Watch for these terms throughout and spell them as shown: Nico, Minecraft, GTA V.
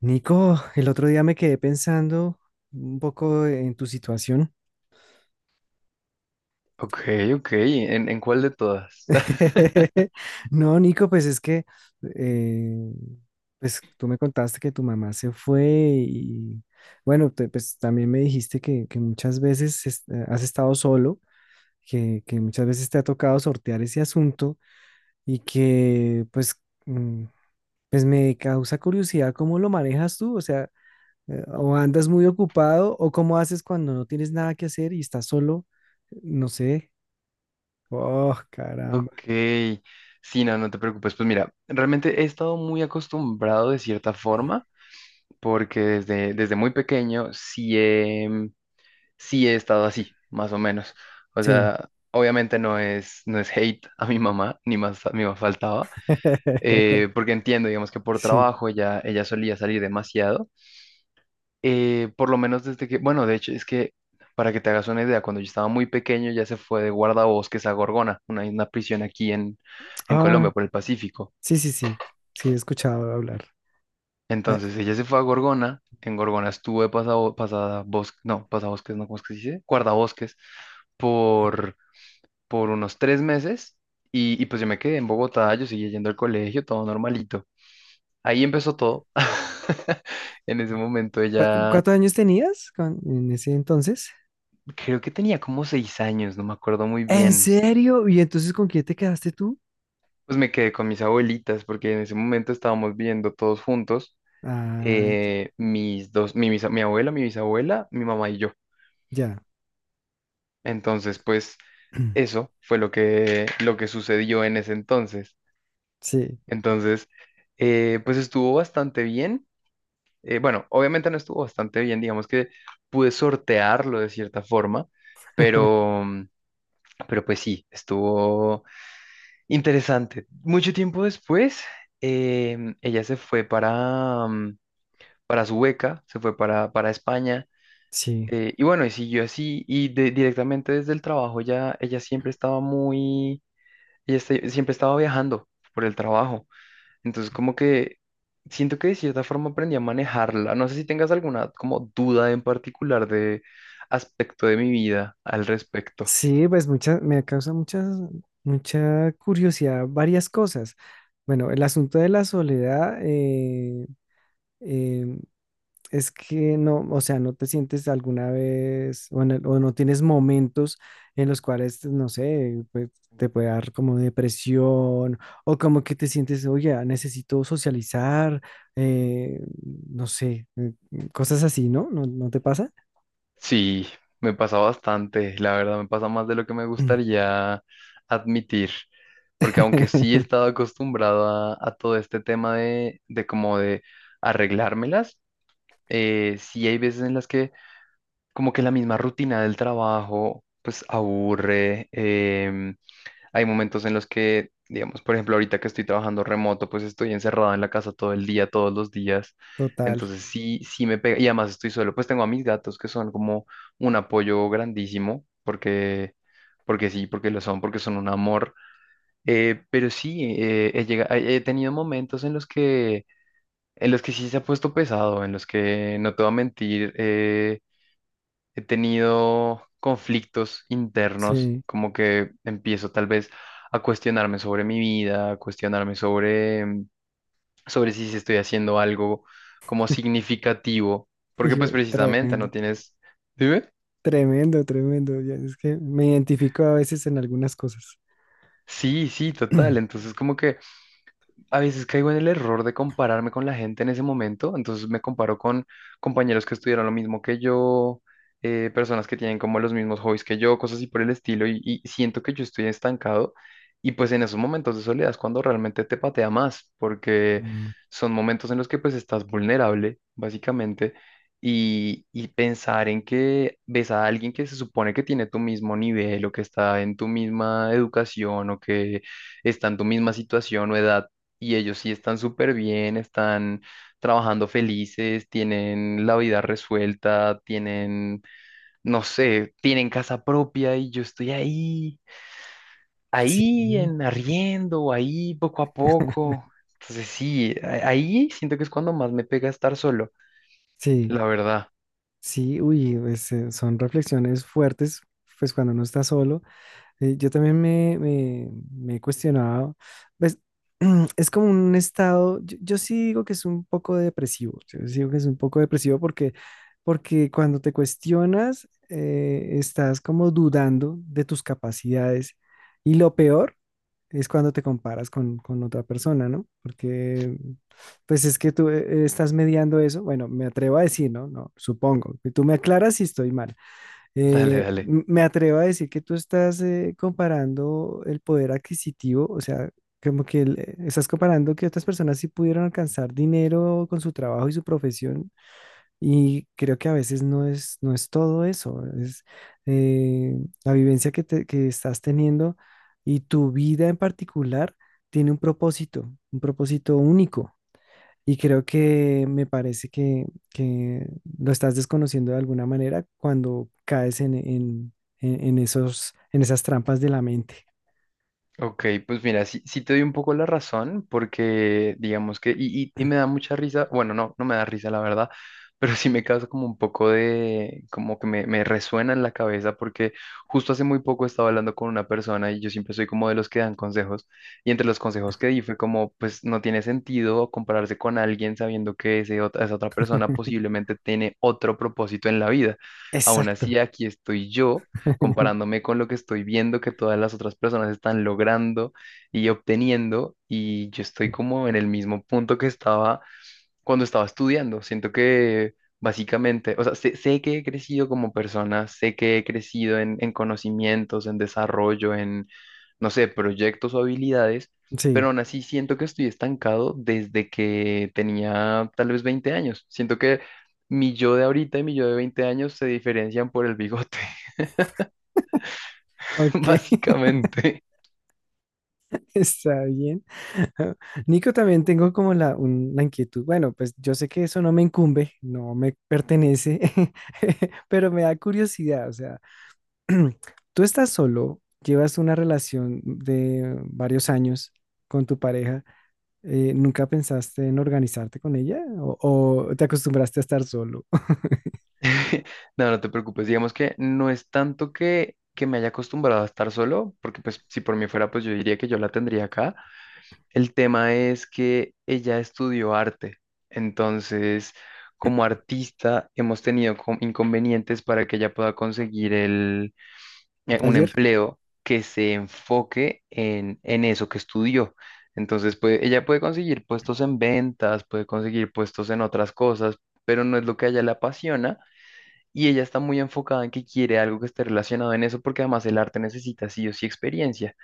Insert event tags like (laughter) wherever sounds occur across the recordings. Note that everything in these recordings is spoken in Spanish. Nico, el otro día me quedé pensando un poco en tu situación. Ok, ok. ¿En cuál de todas? (laughs) (laughs) No, Nico, pues es que eh, pues tú me contaste que tu mamá se fue y bueno, pues también me dijiste que muchas veces has estado solo, que muchas veces te ha tocado sortear ese asunto y que pues, mm, pues me causa curiosidad cómo lo manejas tú, o sea... O andas muy ocupado, o cómo haces cuando no tienes nada que hacer y estás solo, no sé. Oh, caramba. Ok. Sí, no, no te preocupes. Pues mira, realmente he estado muy acostumbrado de cierta forma, porque desde muy pequeño sí he estado así, más o menos. O Sí. sea, obviamente no es hate a mi mamá, ni más faltaba, (laughs) porque entiendo, digamos que por Sí. trabajo ella solía salir demasiado. Por lo menos desde que, bueno, de hecho, es que para que te hagas una idea, cuando yo estaba muy pequeño ya se fue de guardabosques a Gorgona, una prisión aquí en Ah, Colombia, por el Pacífico. sí, sí, sí. Sí, he escuchado hablar. Ay, Entonces ella se fue a Gorgona, en Gorgona estuve pasada bosque, no, pasabosques, no, ¿cómo es que se dice? Guardabosques por, por unos tres meses y pues yo me quedé en Bogotá, yo seguía yendo al colegio, todo normalito. Ahí empezó todo. (laughs) En ese ok. momento ella, ¿Cuántos años tenías en ese entonces? creo que tenía como seis años, no me acuerdo muy ¿En bien. serio? ¿Y entonces con quién te quedaste tú? Pues me quedé con mis abuelitas porque en ese momento estábamos viviendo todos juntos, Ah, ya, mis dos, mi, bisa- mi abuela, mi bisabuela, mi mamá y yo. ya. Entonces, pues (clears throat) eso fue lo que sucedió en ese entonces. Sí, Entonces, pues estuvo bastante bien. Bueno, obviamente no estuvo bastante bien, digamos que pude sortearlo de cierta forma, (laughs) pero, pero pues sí, estuvo interesante. Mucho tiempo después, ella se fue para su beca, se fue para España. sí. Y bueno, y siguió así, directamente desde el trabajo ya ella siempre estaba muy, siempre estaba viajando por el trabajo. Entonces como que siento que de cierta forma aprendí a manejarla. No sé si tengas alguna como duda en particular de aspecto de mi vida al respecto. Sí, pues mucha, me causa muchas, mucha curiosidad varias cosas. Bueno, el asunto de la soledad eh, es que no, o sea, no te sientes alguna vez o, o no tienes momentos en los cuales, no sé, pues, te puede dar como depresión o como que te sientes, oye, ah, necesito socializar, eh, no sé, cosas así, ¿no? ¿No, no te pasa? Sí, me pasa bastante, la verdad, me pasa más de lo que me gustaría admitir, porque aunque sí he (clears throat) estado acostumbrado a todo este tema de arreglármelas, sí hay veces en las que como que la misma rutina del trabajo pues aburre, hay momentos en los que, digamos, por ejemplo, ahorita que estoy trabajando remoto, pues estoy encerrado en la casa todo el día, todos los días. Total, Entonces sí, sí me pega. Y además estoy solo, pues tengo a mis gatos que son como un apoyo grandísimo, porque sí, porque lo son, porque son un amor. Pero sí, he llega- he he tenido momentos en los que sí se ha puesto pesado, en los que, no te voy a mentir, he tenido conflictos internos, sí. como que empiezo tal vez a cuestionarme sobre mi vida, a cuestionarme sobre, sobre si estoy haciendo algo como significativo, porque pues precisamente Tremendo, no tienes... Dime. tremendo, tremendo. Ya, es que me identifico a veces en algunas cosas. Sí, sí, total. (clears throat) Entonces como que a veces caigo en el error de compararme con la gente en ese momento, entonces me comparo con compañeros que estudiaron lo mismo que yo, personas que tienen como los mismos hobbies que yo, cosas así por el estilo, y siento que yo estoy estancado, y pues en esos momentos de soledad es cuando realmente te patea más, porque Mm, son momentos en los que pues estás vulnerable, básicamente, y pensar en que ves a alguien que se supone que tiene tu mismo nivel o que está en tu misma educación o que está en tu misma situación o edad y ellos sí están súper bien, están trabajando felices, tienen la vida resuelta, tienen, no sé, tienen casa propia y yo estoy ahí, sí, ahí en arriendo, ahí poco a (laughs) poco. Entonces sí, ahí siento que es cuando más me pega estar solo, sí, la verdad. (laughs) sí, uy, pues, son reflexiones fuertes, pues cuando uno está solo. Sí, yo también me he cuestionado, pues (clears throat) es como un estado, yo sí digo que es un poco depresivo, yo sí digo que es un poco depresivo porque, porque cuando te cuestionas, estás como dudando de tus capacidades y lo peor es cuando te comparas con otra persona, ¿no? Porque pues es que tú estás mediando eso, bueno, me atrevo a decir, ¿no? No, supongo, y tú me aclaras si estoy mal Dale, dale. Me atrevo a decir que tú estás comparando el poder adquisitivo, o sea, como que estás comparando que otras personas sí pudieron alcanzar dinero con su trabajo y su profesión, y creo que a veces no es, no es todo eso, es eh, la vivencia que, que estás teniendo y tu vida en particular tiene un propósito único. Y creo que me parece que lo estás desconociendo de alguna manera cuando caes en esos, en esas trampas de la mente. Ok, pues mira, sí, sí te doy un poco la razón, porque digamos y me da mucha risa, bueno, no, no me da risa la verdad, (laughs) pero sí me causa como un poco de, como que me resuena en la cabeza, porque justo hace muy poco estaba hablando con una persona y yo siempre soy como de los que dan consejos, y entre los consejos que di fue como, pues no tiene sentido compararse con alguien sabiendo que esa otra persona posiblemente tiene otro propósito en la vida. Aún Exacto. así, aquí estoy yo comparándome con lo que estoy viendo que todas las otras personas están logrando y obteniendo, y yo estoy como en el mismo punto que estaba cuando estaba estudiando. Siento que básicamente, o sea, sé que he crecido como persona, sé que he crecido en conocimientos, en desarrollo, en, no sé, proyectos o habilidades, Sí. pero aún así siento que estoy estancado desde que tenía tal vez 20 años. Siento que mi yo de ahorita y mi yo de 20 años se diferencian por el bigote. (laughs) Ok, (laughs) Básicamente, está bien. (laughs) Nico, también tengo como la inquietud. Bueno, pues yo sé que eso no me incumbe, no me pertenece, (laughs) pero me da curiosidad. O sea, (clears throat) tú estás solo, llevas una relación de varios años con tu pareja. ¿Nunca pensaste en organizarte con ella? O te acostumbraste a estar solo? (laughs) (laughs) no, no te preocupes, digamos que no es tanto que me haya acostumbrado a estar solo, porque pues si por mí fuera, pues yo diría que yo la tendría acá. El tema es que ella estudió arte, entonces como artista hemos tenido inconvenientes para que ella pueda conseguir el un ¿Taller? empleo que se enfoque en eso que estudió. Entonces, pues, ella puede conseguir puestos en ventas, puede conseguir puestos en otras cosas, pero no es lo que a ella le apasiona y ella está muy enfocada en que quiere algo que esté relacionado en eso porque además el arte necesita sí o sí experiencia.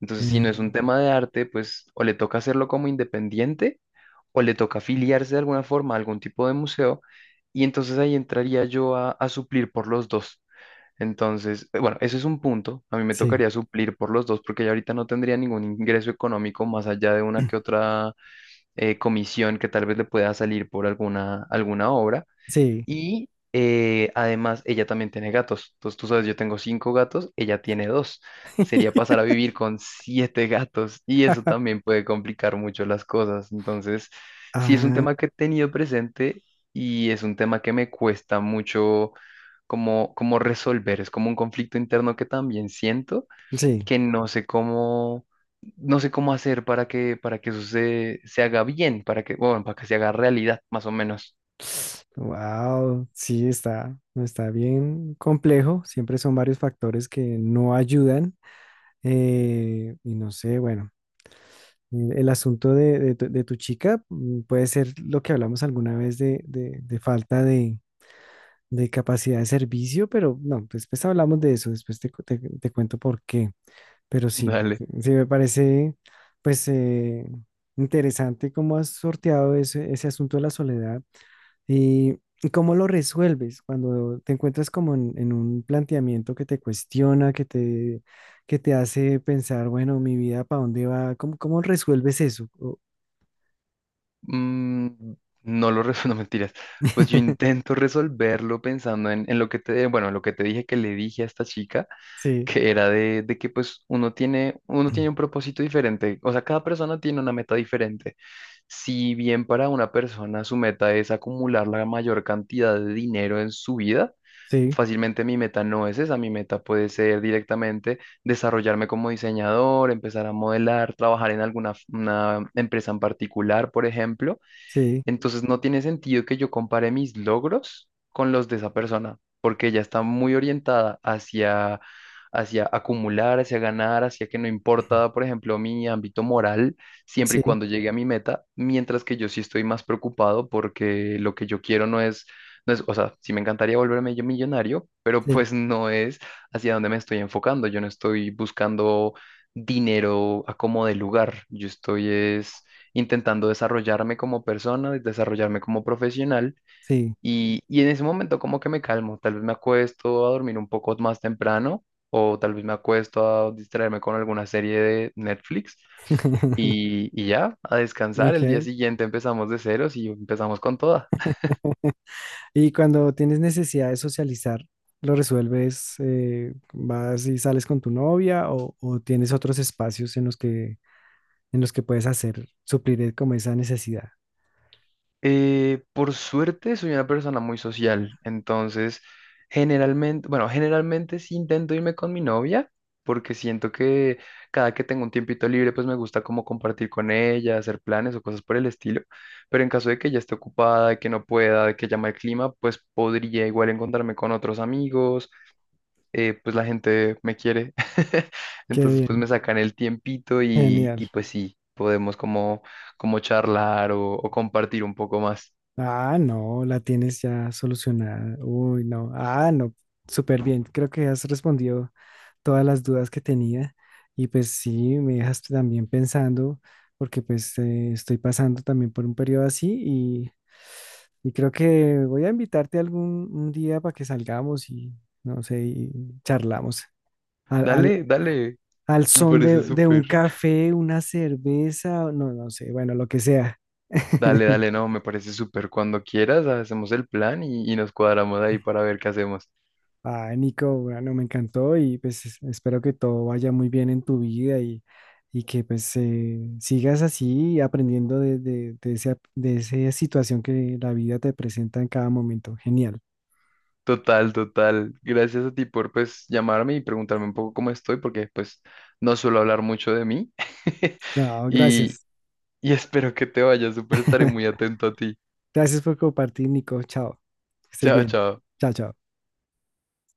Entonces, si no es un Mm, tema de arte, pues o le toca hacerlo como independiente o le toca afiliarse de alguna forma a algún tipo de museo y entonces ahí entraría yo a suplir por los dos. Entonces, bueno, ese es un punto. A mí me sí, tocaría suplir por los dos porque ya ahorita no tendría ningún ingreso económico más allá de una que (clears throat) otra comisión que tal vez le pueda salir por alguna obra. sí. Y además ella también tiene gatos. Entonces tú sabes, yo tengo cinco gatos, ella tiene dos. Sería pasar a (laughs) vivir con siete gatos y eso también puede complicar mucho las cosas. Entonces, sí es un Ah, tema que he tenido presente y es un tema que me cuesta mucho como, como resolver. Es como un conflicto interno que también siento sí. que no sé cómo... No sé cómo hacer para que eso se, se haga bien, para que, bueno, para que se haga realidad, más o menos. Wow, sí está, está bien complejo. Siempre son varios factores que no ayudan. Y no sé, bueno, el asunto de tu chica mm, puede ser lo que hablamos alguna vez de, de falta de capacidad de servicio, pero no, después hablamos de eso, después te cuento por qué. Pero (laughs) sí, Dale. sí sí me parece pues interesante cómo has sorteado ese, ese asunto de la soledad y cómo lo resuelves cuando te encuentras como en un planteamiento que te cuestiona, que te hace pensar, bueno, mi vida, ¿para dónde va? ¿Cómo, cómo resuelves eso? Mm, no lo resuelvo, (laughs) mentiras. Pues yo (laughs) intento resolverlo pensando en lo que te, bueno, en lo que te dije que le dije a esta chica, Sí, que era de que pues uno tiene un propósito diferente, o sea, cada persona tiene una meta diferente. Si bien para una persona su meta es acumular la mayor cantidad de dinero en su vida, sí, fácilmente mi meta no es esa, mi meta puede ser directamente desarrollarme como diseñador, empezar a modelar, trabajar en alguna una empresa en particular, por ejemplo sí, entonces no tiene sentido que yo compare mis logros con los de esa persona, porque ella está muy orientada hacia, hacia acumular, hacia ganar, hacia que no importa, por ejemplo, mi ámbito moral, siempre y sí, cuando llegue a mi meta, mientras que yo sí estoy más preocupado porque lo que yo quiero no es, no es, o sea, sí me encantaría volverme yo millonario, pero sí, pues no es hacia dónde me estoy enfocando, yo no estoy buscando dinero a como de lugar, yo estoy es intentando desarrollarme como persona, desarrollarme como profesional. sí. Y en ese momento como que me calmo, tal vez me acuesto a dormir un poco más temprano o tal vez me acuesto a distraerme con alguna serie de Netflix (laughs) y ya, a descansar. El día Ok. siguiente empezamos de ceros y empezamos con toda. Y cuando tienes necesidad de socializar, ¿lo resuelves? ¿Vas y sales con tu novia o tienes otros espacios en los que puedes hacer, suplir como esa necesidad? Por suerte soy una persona muy social, entonces generalmente, bueno, generalmente sí intento irme con mi novia, porque siento que cada que tengo un tiempito libre, pues me gusta como compartir con ella, hacer planes o cosas por el estilo, pero en caso de que ella esté ocupada, de que no pueda, de que llama el clima, pues podría igual encontrarme con otros amigos, pues la gente me quiere, (laughs) Qué entonces pues bien, me sacan el tiempito genial. y pues sí, podemos como, como charlar o compartir un poco más. Ah, no, la tienes ya solucionada. Uy, no. Ah, no, súper bien. Creo que has respondido todas las dudas que tenía y pues sí, me dejas también pensando porque pues estoy pasando también por un periodo así y creo que voy a invitarte algún un día para que salgamos y no sé, y charlamos al, al, Dale, dale, al me son parece de un súper. café, una cerveza, no, no sé, bueno, lo que sea. Dale, (laughs) dale, no, me parece súper. Cuando quieras, hacemos el plan y nos cuadramos ahí para ver qué hacemos. Ah, Nico, bueno, me encantó y pues espero que todo vaya muy bien en tu vida y que pues sigas así aprendiendo de esa situación que la vida te presenta en cada momento. Genial. Total, total. Gracias a ti por pues llamarme y preguntarme un poco cómo estoy, porque pues no suelo hablar mucho de mí. (laughs) No, Y, gracias. y espero que te vaya súper, estaré muy atento a ti. Gracias por compartir, Nico. Chao. Que estés Chao, bien. chao. Chao, chao.